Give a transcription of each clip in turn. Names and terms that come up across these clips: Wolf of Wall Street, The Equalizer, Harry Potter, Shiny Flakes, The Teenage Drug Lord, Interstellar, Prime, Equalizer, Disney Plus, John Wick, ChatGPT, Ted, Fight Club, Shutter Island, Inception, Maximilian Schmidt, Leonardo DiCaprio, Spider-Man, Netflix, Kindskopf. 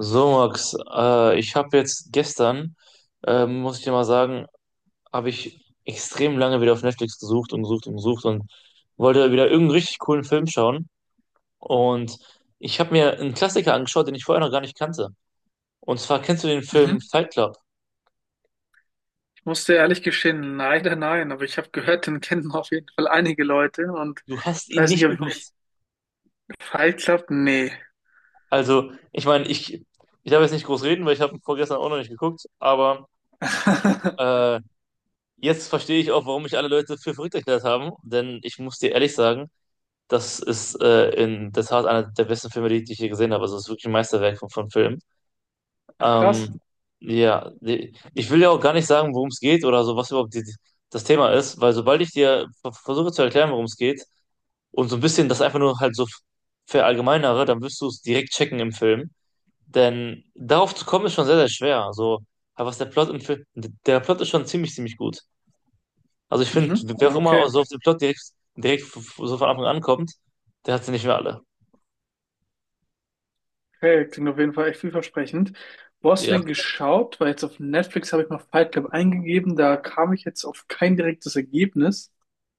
So, Max, ich habe jetzt gestern, muss ich dir mal sagen, habe ich extrem lange wieder auf Netflix gesucht und gesucht und gesucht und wollte wieder irgendeinen richtig coolen Film schauen. Und ich habe mir einen Klassiker angeschaut, den ich vorher noch gar nicht kannte. Und zwar kennst du den Film Mhm. Fight Club? Ich muss dir ehrlich gestehen, leider nein, aber ich habe gehört, den kennen auf jeden Fall einige Leute und Du hast ich ihn weiß nicht, nicht ob ich mich geguckt. falsch habe. Nee. Also, ich meine, ich darf jetzt nicht groß reden, weil ich habe ihn vorgestern auch noch nicht geguckt. Aber äh, jetzt verstehe ich auch, warum mich alle Leute für verrückt erklärt haben. Denn ich muss dir ehrlich sagen, das ist in der Tat einer der besten Filme, die ich je gesehen habe. Also es ist wirklich ein Meisterwerk von Film. Ach krass. Ähm, ja, ich will ja auch gar nicht sagen, worum es geht oder so, was überhaupt das Thema ist, weil sobald ich dir versuche zu erklären, worum es geht und so ein bisschen das einfach nur halt so verallgemeinere, dann wirst du es direkt checken im Film. Denn darauf zu kommen ist schon sehr, sehr schwer. Also, aber was der Plot im Film, der Plot ist schon ziemlich, ziemlich gut. Also ich finde, Mhm. wer auch Okay. immer so auf den Plot direkt, so von Anfang an kommt, der hat sie nicht mehr alle. Okay, klingt auf jeden Fall echt vielversprechend. Wo hast du Ja. den geschaut? Weil jetzt auf Netflix habe ich mal Fight Club eingegeben, da kam ich jetzt auf kein direktes Ergebnis.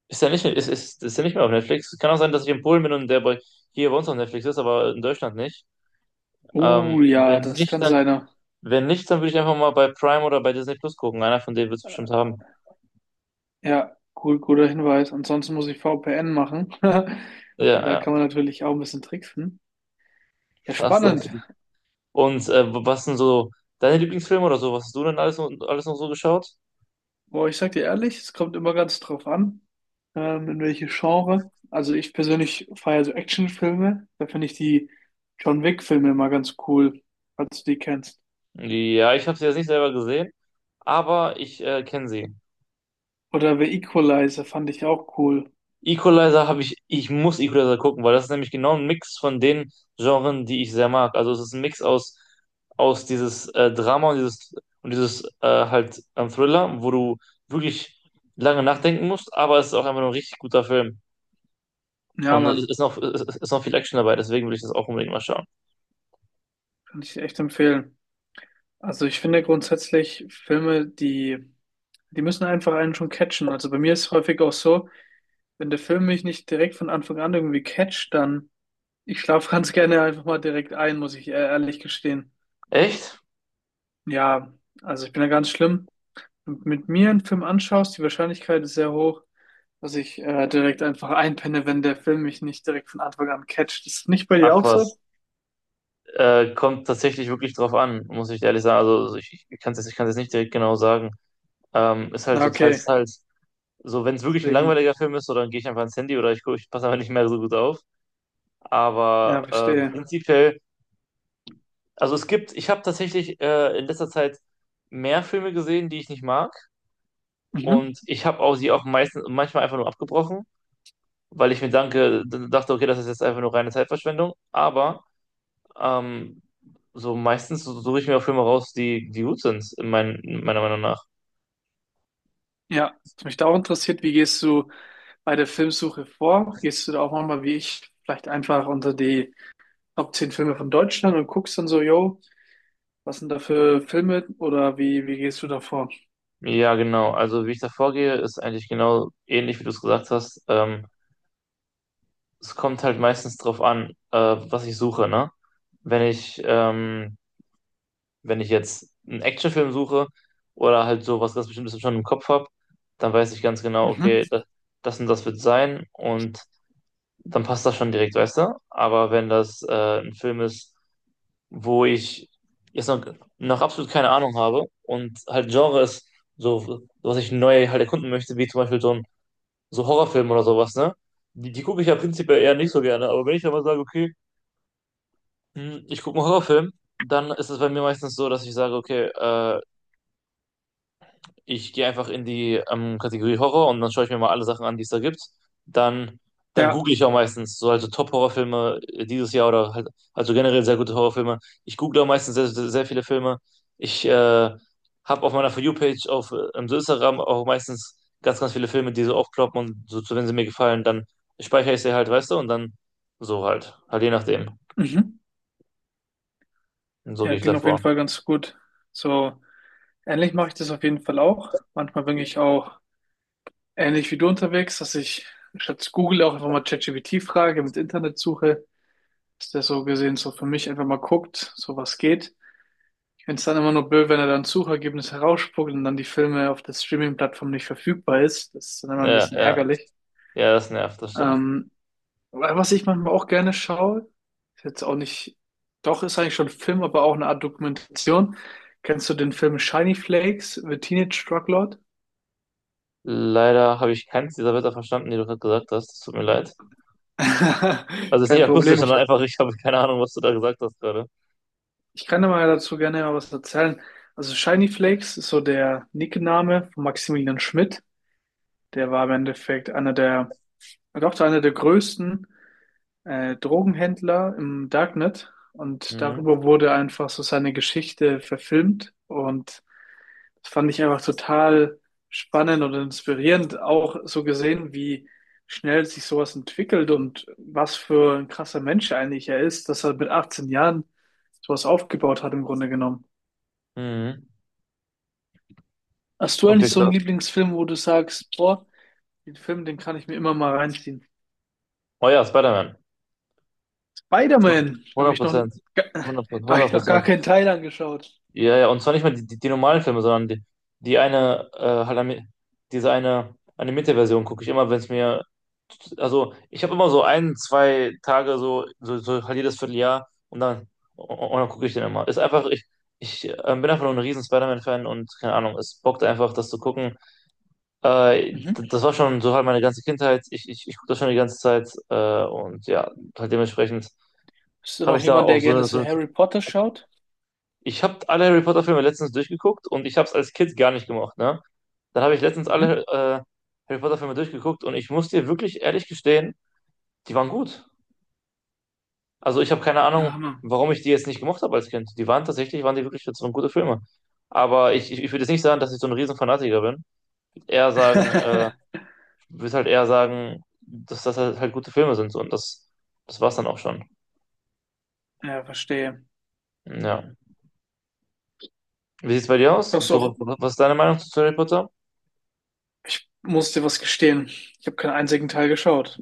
Ist ja nicht, ist ja nicht mehr auf Netflix. Kann auch sein, dass ich in Polen bin und der hier bei uns auf Netflix ist, aber in Deutschland nicht. Ähm, Oh ja, wenn das nicht, kann dann, sein. wenn nicht, dann würde ich einfach mal bei Prime oder bei Disney Plus gucken. Einer von denen wird es bestimmt haben. Ja, gut, guter Hinweis. Ansonsten muss ich VPN machen. Ja, Da ja. kann man natürlich auch ein bisschen tricksen. Ja, Ach, so. spannend. Und was sind so deine Lieblingsfilme oder so? Was hast du denn alles noch so geschaut? Boah, ich sag dir ehrlich, es kommt immer ganz drauf an, in welche Genre. Also ich persönlich feiere so Actionfilme. Da finde ich die John Wick-Filme immer ganz cool, falls du die kennst. Ja, ich habe sie jetzt nicht selber gesehen, aber ich kenne sie. Oder The Equalizer fand ich auch cool. Equalizer habe ich, muss Equalizer gucken, weil das ist nämlich genau ein Mix von den Genren, die ich sehr mag. Also es ist ein Mix aus dieses Drama und dieses halt Thriller, wo du wirklich lange nachdenken musst, aber es ist auch einfach nur ein richtig guter Film. Ja, Und es Mann, ist noch, es ist noch viel Action dabei, deswegen will ich das auch unbedingt mal schauen. kann ich echt empfehlen. Also ich finde grundsätzlich Filme, die müssen einfach einen schon catchen. Also bei mir ist es häufig auch so, wenn der Film mich nicht direkt von Anfang an irgendwie catcht, dann ich schlafe ganz gerne einfach mal direkt ein, muss ich ehrlich gestehen. Echt? Ja, also ich bin da ganz schlimm. Wenn du mit mir einen Film anschaust, die Wahrscheinlichkeit ist sehr hoch, dass ich direkt einfach einpenne, wenn der Film mich nicht direkt von Anfang an catcht. Ist das nicht bei dir Ach auch was. so? Kommt tatsächlich wirklich drauf an, muss ich ehrlich sagen. Also ich kann es jetzt, ich kann's jetzt nicht direkt genau sagen. Ist halt Na, so okay. teils, teils. So, wenn es wirklich ein Deswegen, langweiliger Film ist, so, dann gehe ich einfach ins Handy oder ich passe einfach nicht mehr so gut auf. Aber ja, verstehe. prinzipiell, ich habe tatsächlich in letzter Zeit mehr Filme gesehen, die ich nicht mag. Mhm. Und ich habe auch sie auch meistens, manchmal einfach nur abgebrochen, weil ich mir dachte, okay, das ist jetzt einfach nur reine Zeitverschwendung. Aber Ähm, so meistens suche ich mir auch Filme raus, die gut sind, in meiner Meinung nach. Ja, was mich da auch interessiert, wie gehst du bei der Filmsuche vor? Gehst du da auch manchmal wie ich vielleicht einfach unter die Top 10 Filme von Deutschland und guckst dann so, yo, was sind da für Filme oder wie gehst du da vor? Ja, genau. Also wie ich da vorgehe, ist eigentlich genau ähnlich, wie du es gesagt hast. Es kommt halt meistens drauf an, was ich suche, ne? Wenn ich, ähm, wenn ich jetzt einen Actionfilm suche oder halt so was ganz Bestimmtes schon im Kopf habe, dann weiß ich ganz genau, Mhm. okay, das und das wird sein und dann passt das schon direkt, weißt du? Aber wenn das ein Film ist, wo ich jetzt noch absolut keine Ahnung habe und halt Genre ist so, was ich neu halt erkunden möchte, wie zum Beispiel so ein so Horrorfilm oder sowas, ne? Die gucke ich ja prinzipiell eher nicht so gerne, aber wenn ich dann mal sage, okay, ich gucke einen Horrorfilm, dann ist es bei mir meistens so, dass ich sage, okay, ich gehe einfach in die Kategorie Horror und dann schaue ich mir mal alle Sachen an, die es da gibt. Dann, dann Ja. google ich auch meistens so also Top-Horrorfilme dieses Jahr oder halt, also generell sehr gute Horrorfilme. Ich google auch meistens sehr, sehr, sehr viele Filme. Ich habe auf meiner For You-Page auf im Instagram auch meistens ganz, ganz viele Filme, die so aufploppen und so, wenn sie mir gefallen, dann speichere ich sie halt, weißt du, und dann so halt je nachdem. Mhm. Und so Ja, gehe ich klingt auf jeden davor. Fall ganz gut. So, ähnlich mache ich das auf jeden Fall auch. Manchmal bin ich auch ähnlich wie du unterwegs, dass ich statt Google auch einfach mal ChatGPT frage, mit Internetsuche, dass der so gesehen so für mich einfach mal guckt, so was geht. Ich finde es dann immer nur blöd, wenn er dann Suchergebnis herausspuckt und dann die Filme auf der Streaming-Plattform nicht verfügbar ist. Das ist dann immer ein Ja, bisschen ja, ärgerlich. ja, das nervt, das stimmt. Ähm, Aber was ich manchmal auch gerne schaue, ist jetzt auch nicht, doch ist eigentlich schon ein Film, aber auch eine Art Dokumentation. Kennst du den Film Shiny Flakes, The Teenage Drug Lord? Leider habe ich keins dieser Wörter verstanden, die du gerade gesagt hast. Das tut mir leid. Also ist nicht Kein akustisch, Problem, sondern ich, einfach, ich habe keine Ahnung, was du da gesagt hast gerade. ich kann dir mal dazu gerne mal was erzählen. Also Shiny Flakes ist so der Nickname von Maximilian Schmidt. Der war im Endeffekt einer der, doch einer der größten Drogenhändler im Darknet, und Mhm. darüber wurde einfach so seine Geschichte verfilmt, und das fand ich einfach total spannend und inspirierend, auch so gesehen, wie schnell sich sowas entwickelt und was für ein krasser Mensch eigentlich er ist, dass er mit 18 Jahren sowas aufgebaut hat im Grunde genommen. Mhm. Hast du Okay, eigentlich so klar. einen Lieblingsfilm, wo du sagst, boah, den Film, den kann ich mir immer mal reinziehen? Oh ja, Spider-Man. Spider-Man, habe 100 ich noch, Prozent. da 100 habe ich noch gar Prozent. keinen Teil angeschaut. Ja, ja, und zwar nicht mal die normalen Filme, sondern die eine, äh, halt ami- diese eine animierte Version gucke ich immer, wenn es mir, also ich habe immer so ein, zwei Tage so, so halt jedes Vierteljahr und dann gucke ich den immer. Ist einfach, ich bin einfach nur ein riesen Spider-Man-Fan und keine Ahnung, es bockt einfach, das zu gucken. Mhm. Das war schon so halt meine ganze Kindheit. Ich gucke das schon die ganze Zeit und ja, halt dementsprechend Bist du habe noch ich da jemand, auch der gerne so so eine Harry Potter schaut? ich habe alle Harry Potter Filme letztens durchgeguckt und ich habe es als Kind gar nicht gemacht, ne? Dann habe ich letztens Mhm. alle Harry Potter Filme durchgeguckt und ich muss dir wirklich ehrlich gestehen, die waren gut. Also ich habe keine Ja, Ahnung, Hammer. warum ich die jetzt nicht gemocht habe als Kind. Die waren tatsächlich, waren die wirklich so gute Filme. Aber ich würde jetzt nicht sagen, dass ich so ein riesen Fanatiker bin. Ich würd Eher sagen, würde halt eher sagen, dass das halt gute Filme sind so und das war's dann auch schon. Ja, verstehe. Ja. Wie sieht's bei dir aus? Schaust du So, was auch, was ist deine Meinung zu Harry Potter? musst dir was gestehen. Ich habe keinen einzigen Teil geschaut.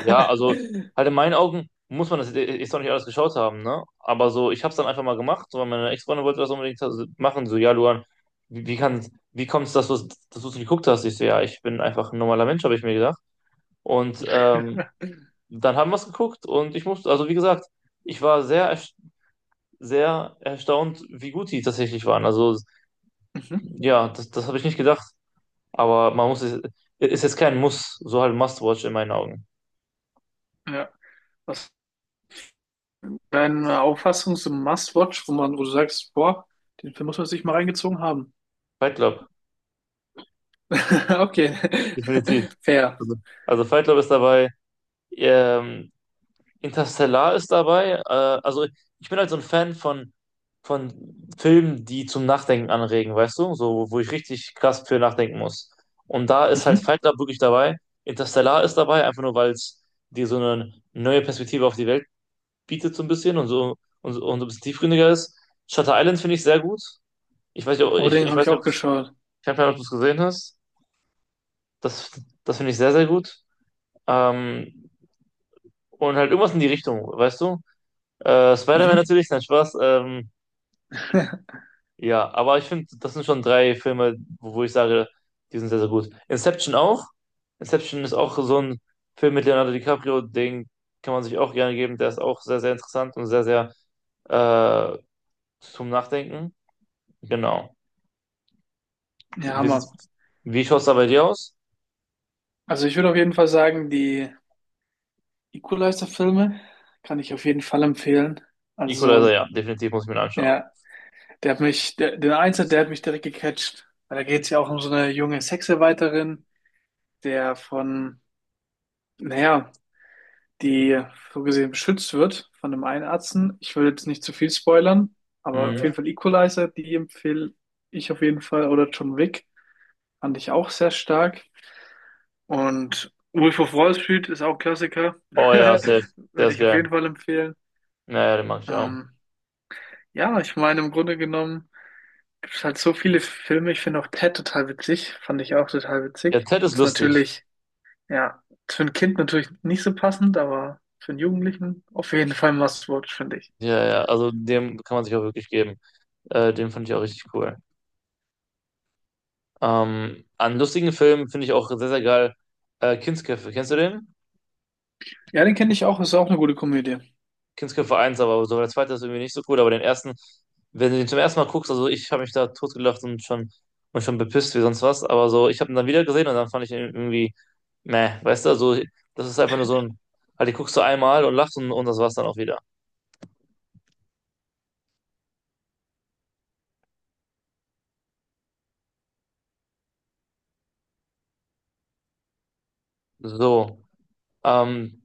also halt in meinen Augen muss man das jetzt echt noch nicht alles geschaut haben, ne? Aber so, ich habe es dann einfach mal gemacht, so, weil meine Ex-Freundin wollte das unbedingt so machen, so, ja, Luan, wie, wie kann, wie kommt es, dass du's geguckt hast? Ich so, ja, ich bin einfach ein normaler Mensch, habe ich mir gedacht. Und dann haben wir es geguckt und ich musste, also wie gesagt, ich war sehr erstaunt, wie gut die tatsächlich waren. Also Mhm. ja, das habe ich nicht gedacht, aber man muss es, ist jetzt kein Muss, so halt Must-Watch in meinen Augen. Ja. Was ist deine Auffassung zum Must-Watch, wo man, wo du sagst, boah, den Film muss man sich mal reingezogen haben. Fight Club. Okay. Definitiv. Fair. Also, also, Fight Club ist dabei, ähm, Interstellar ist dabei. Also ich bin halt so ein Fan von Filmen, die zum Nachdenken anregen, weißt du? So, wo ich richtig krass für nachdenken muss. Und da ist halt Mhm. Fight Club wirklich dabei. Interstellar ist dabei, einfach nur, weil es dir so eine neue Perspektive auf die Welt bietet, so ein bisschen und so, und so ein bisschen tiefgründiger ist. Shutter Island finde ich sehr gut. Ich weiß nicht, ob, Oh, ich, den ich habe weiß ich nicht, ob auch geschaut. du es gesehen hast. Das, das finde ich sehr, sehr gut. Ähm, Und halt irgendwas in die Richtung, weißt du? Spider-Man Mhm. natürlich, nein, Spaß. Ja, aber ich finde, das sind schon drei Filme, wo ich sage, die sind sehr, sehr gut. Inception auch. Inception ist auch so ein Film mit Leonardo DiCaprio, den kann man sich auch gerne geben. Der ist auch sehr, sehr interessant und sehr, sehr äh, zum Nachdenken. Genau. Ja, Wie, Hammer. wie schaut es da bei dir aus? Also ich würde auf jeden Fall sagen, die Equalizer-Filme kann ich auf jeden Fall empfehlen. Also, Equalizer, ja, definitiv muss ich mir den anschauen. ja, der hat mich, der Einser, der hat mich direkt gecatcht. Weil da geht es ja auch um so eine junge Sexarbeiterin, der von, naja, die so gesehen beschützt wird von einem Einärzten. Ich will jetzt nicht zu viel spoilern, aber auf Mhm. jeden Fall Equalizer, die empfehle ich auf jeden Fall. Oder John Wick fand ich auch sehr stark. Und Wolf of Wall Street ist auch Klassiker. Oh ja, safe. Der Würde ist ich auf geil. jeden Fall empfehlen. Naja, den mag ich auch. Ähm, Ja, ich meine, im Grunde genommen gibt es halt so viele Filme. Ich finde auch Ted total witzig. Fand ich auch total Ja, witzig. Ted ist Ist lustig. natürlich, ja, ist für ein Kind natürlich nicht so passend, aber für einen Jugendlichen auf jeden Fall ein Must-Watch, finde ich. Ja, ja, also dem kann man sich auch wirklich geben. Den fand ich auch richtig cool. An lustigen Filmen finde ich auch sehr, sehr geil Kindsköpfe. Kennst du den? Ja, den kenne ich auch. Ist auch eine gute Komödie. Kindsköpfe eins, aber so der zweite ist irgendwie nicht so cool, aber den ersten, wenn du den zum ersten Mal guckst, also ich habe mich da totgelacht und schon bepisst wie sonst was, aber so, ich habe ihn dann wieder gesehen und dann fand ich ihn irgendwie, meh, weißt du, also das ist einfach nur halt, die guckst du einmal und lachst und das war's dann auch wieder. So. Ähm,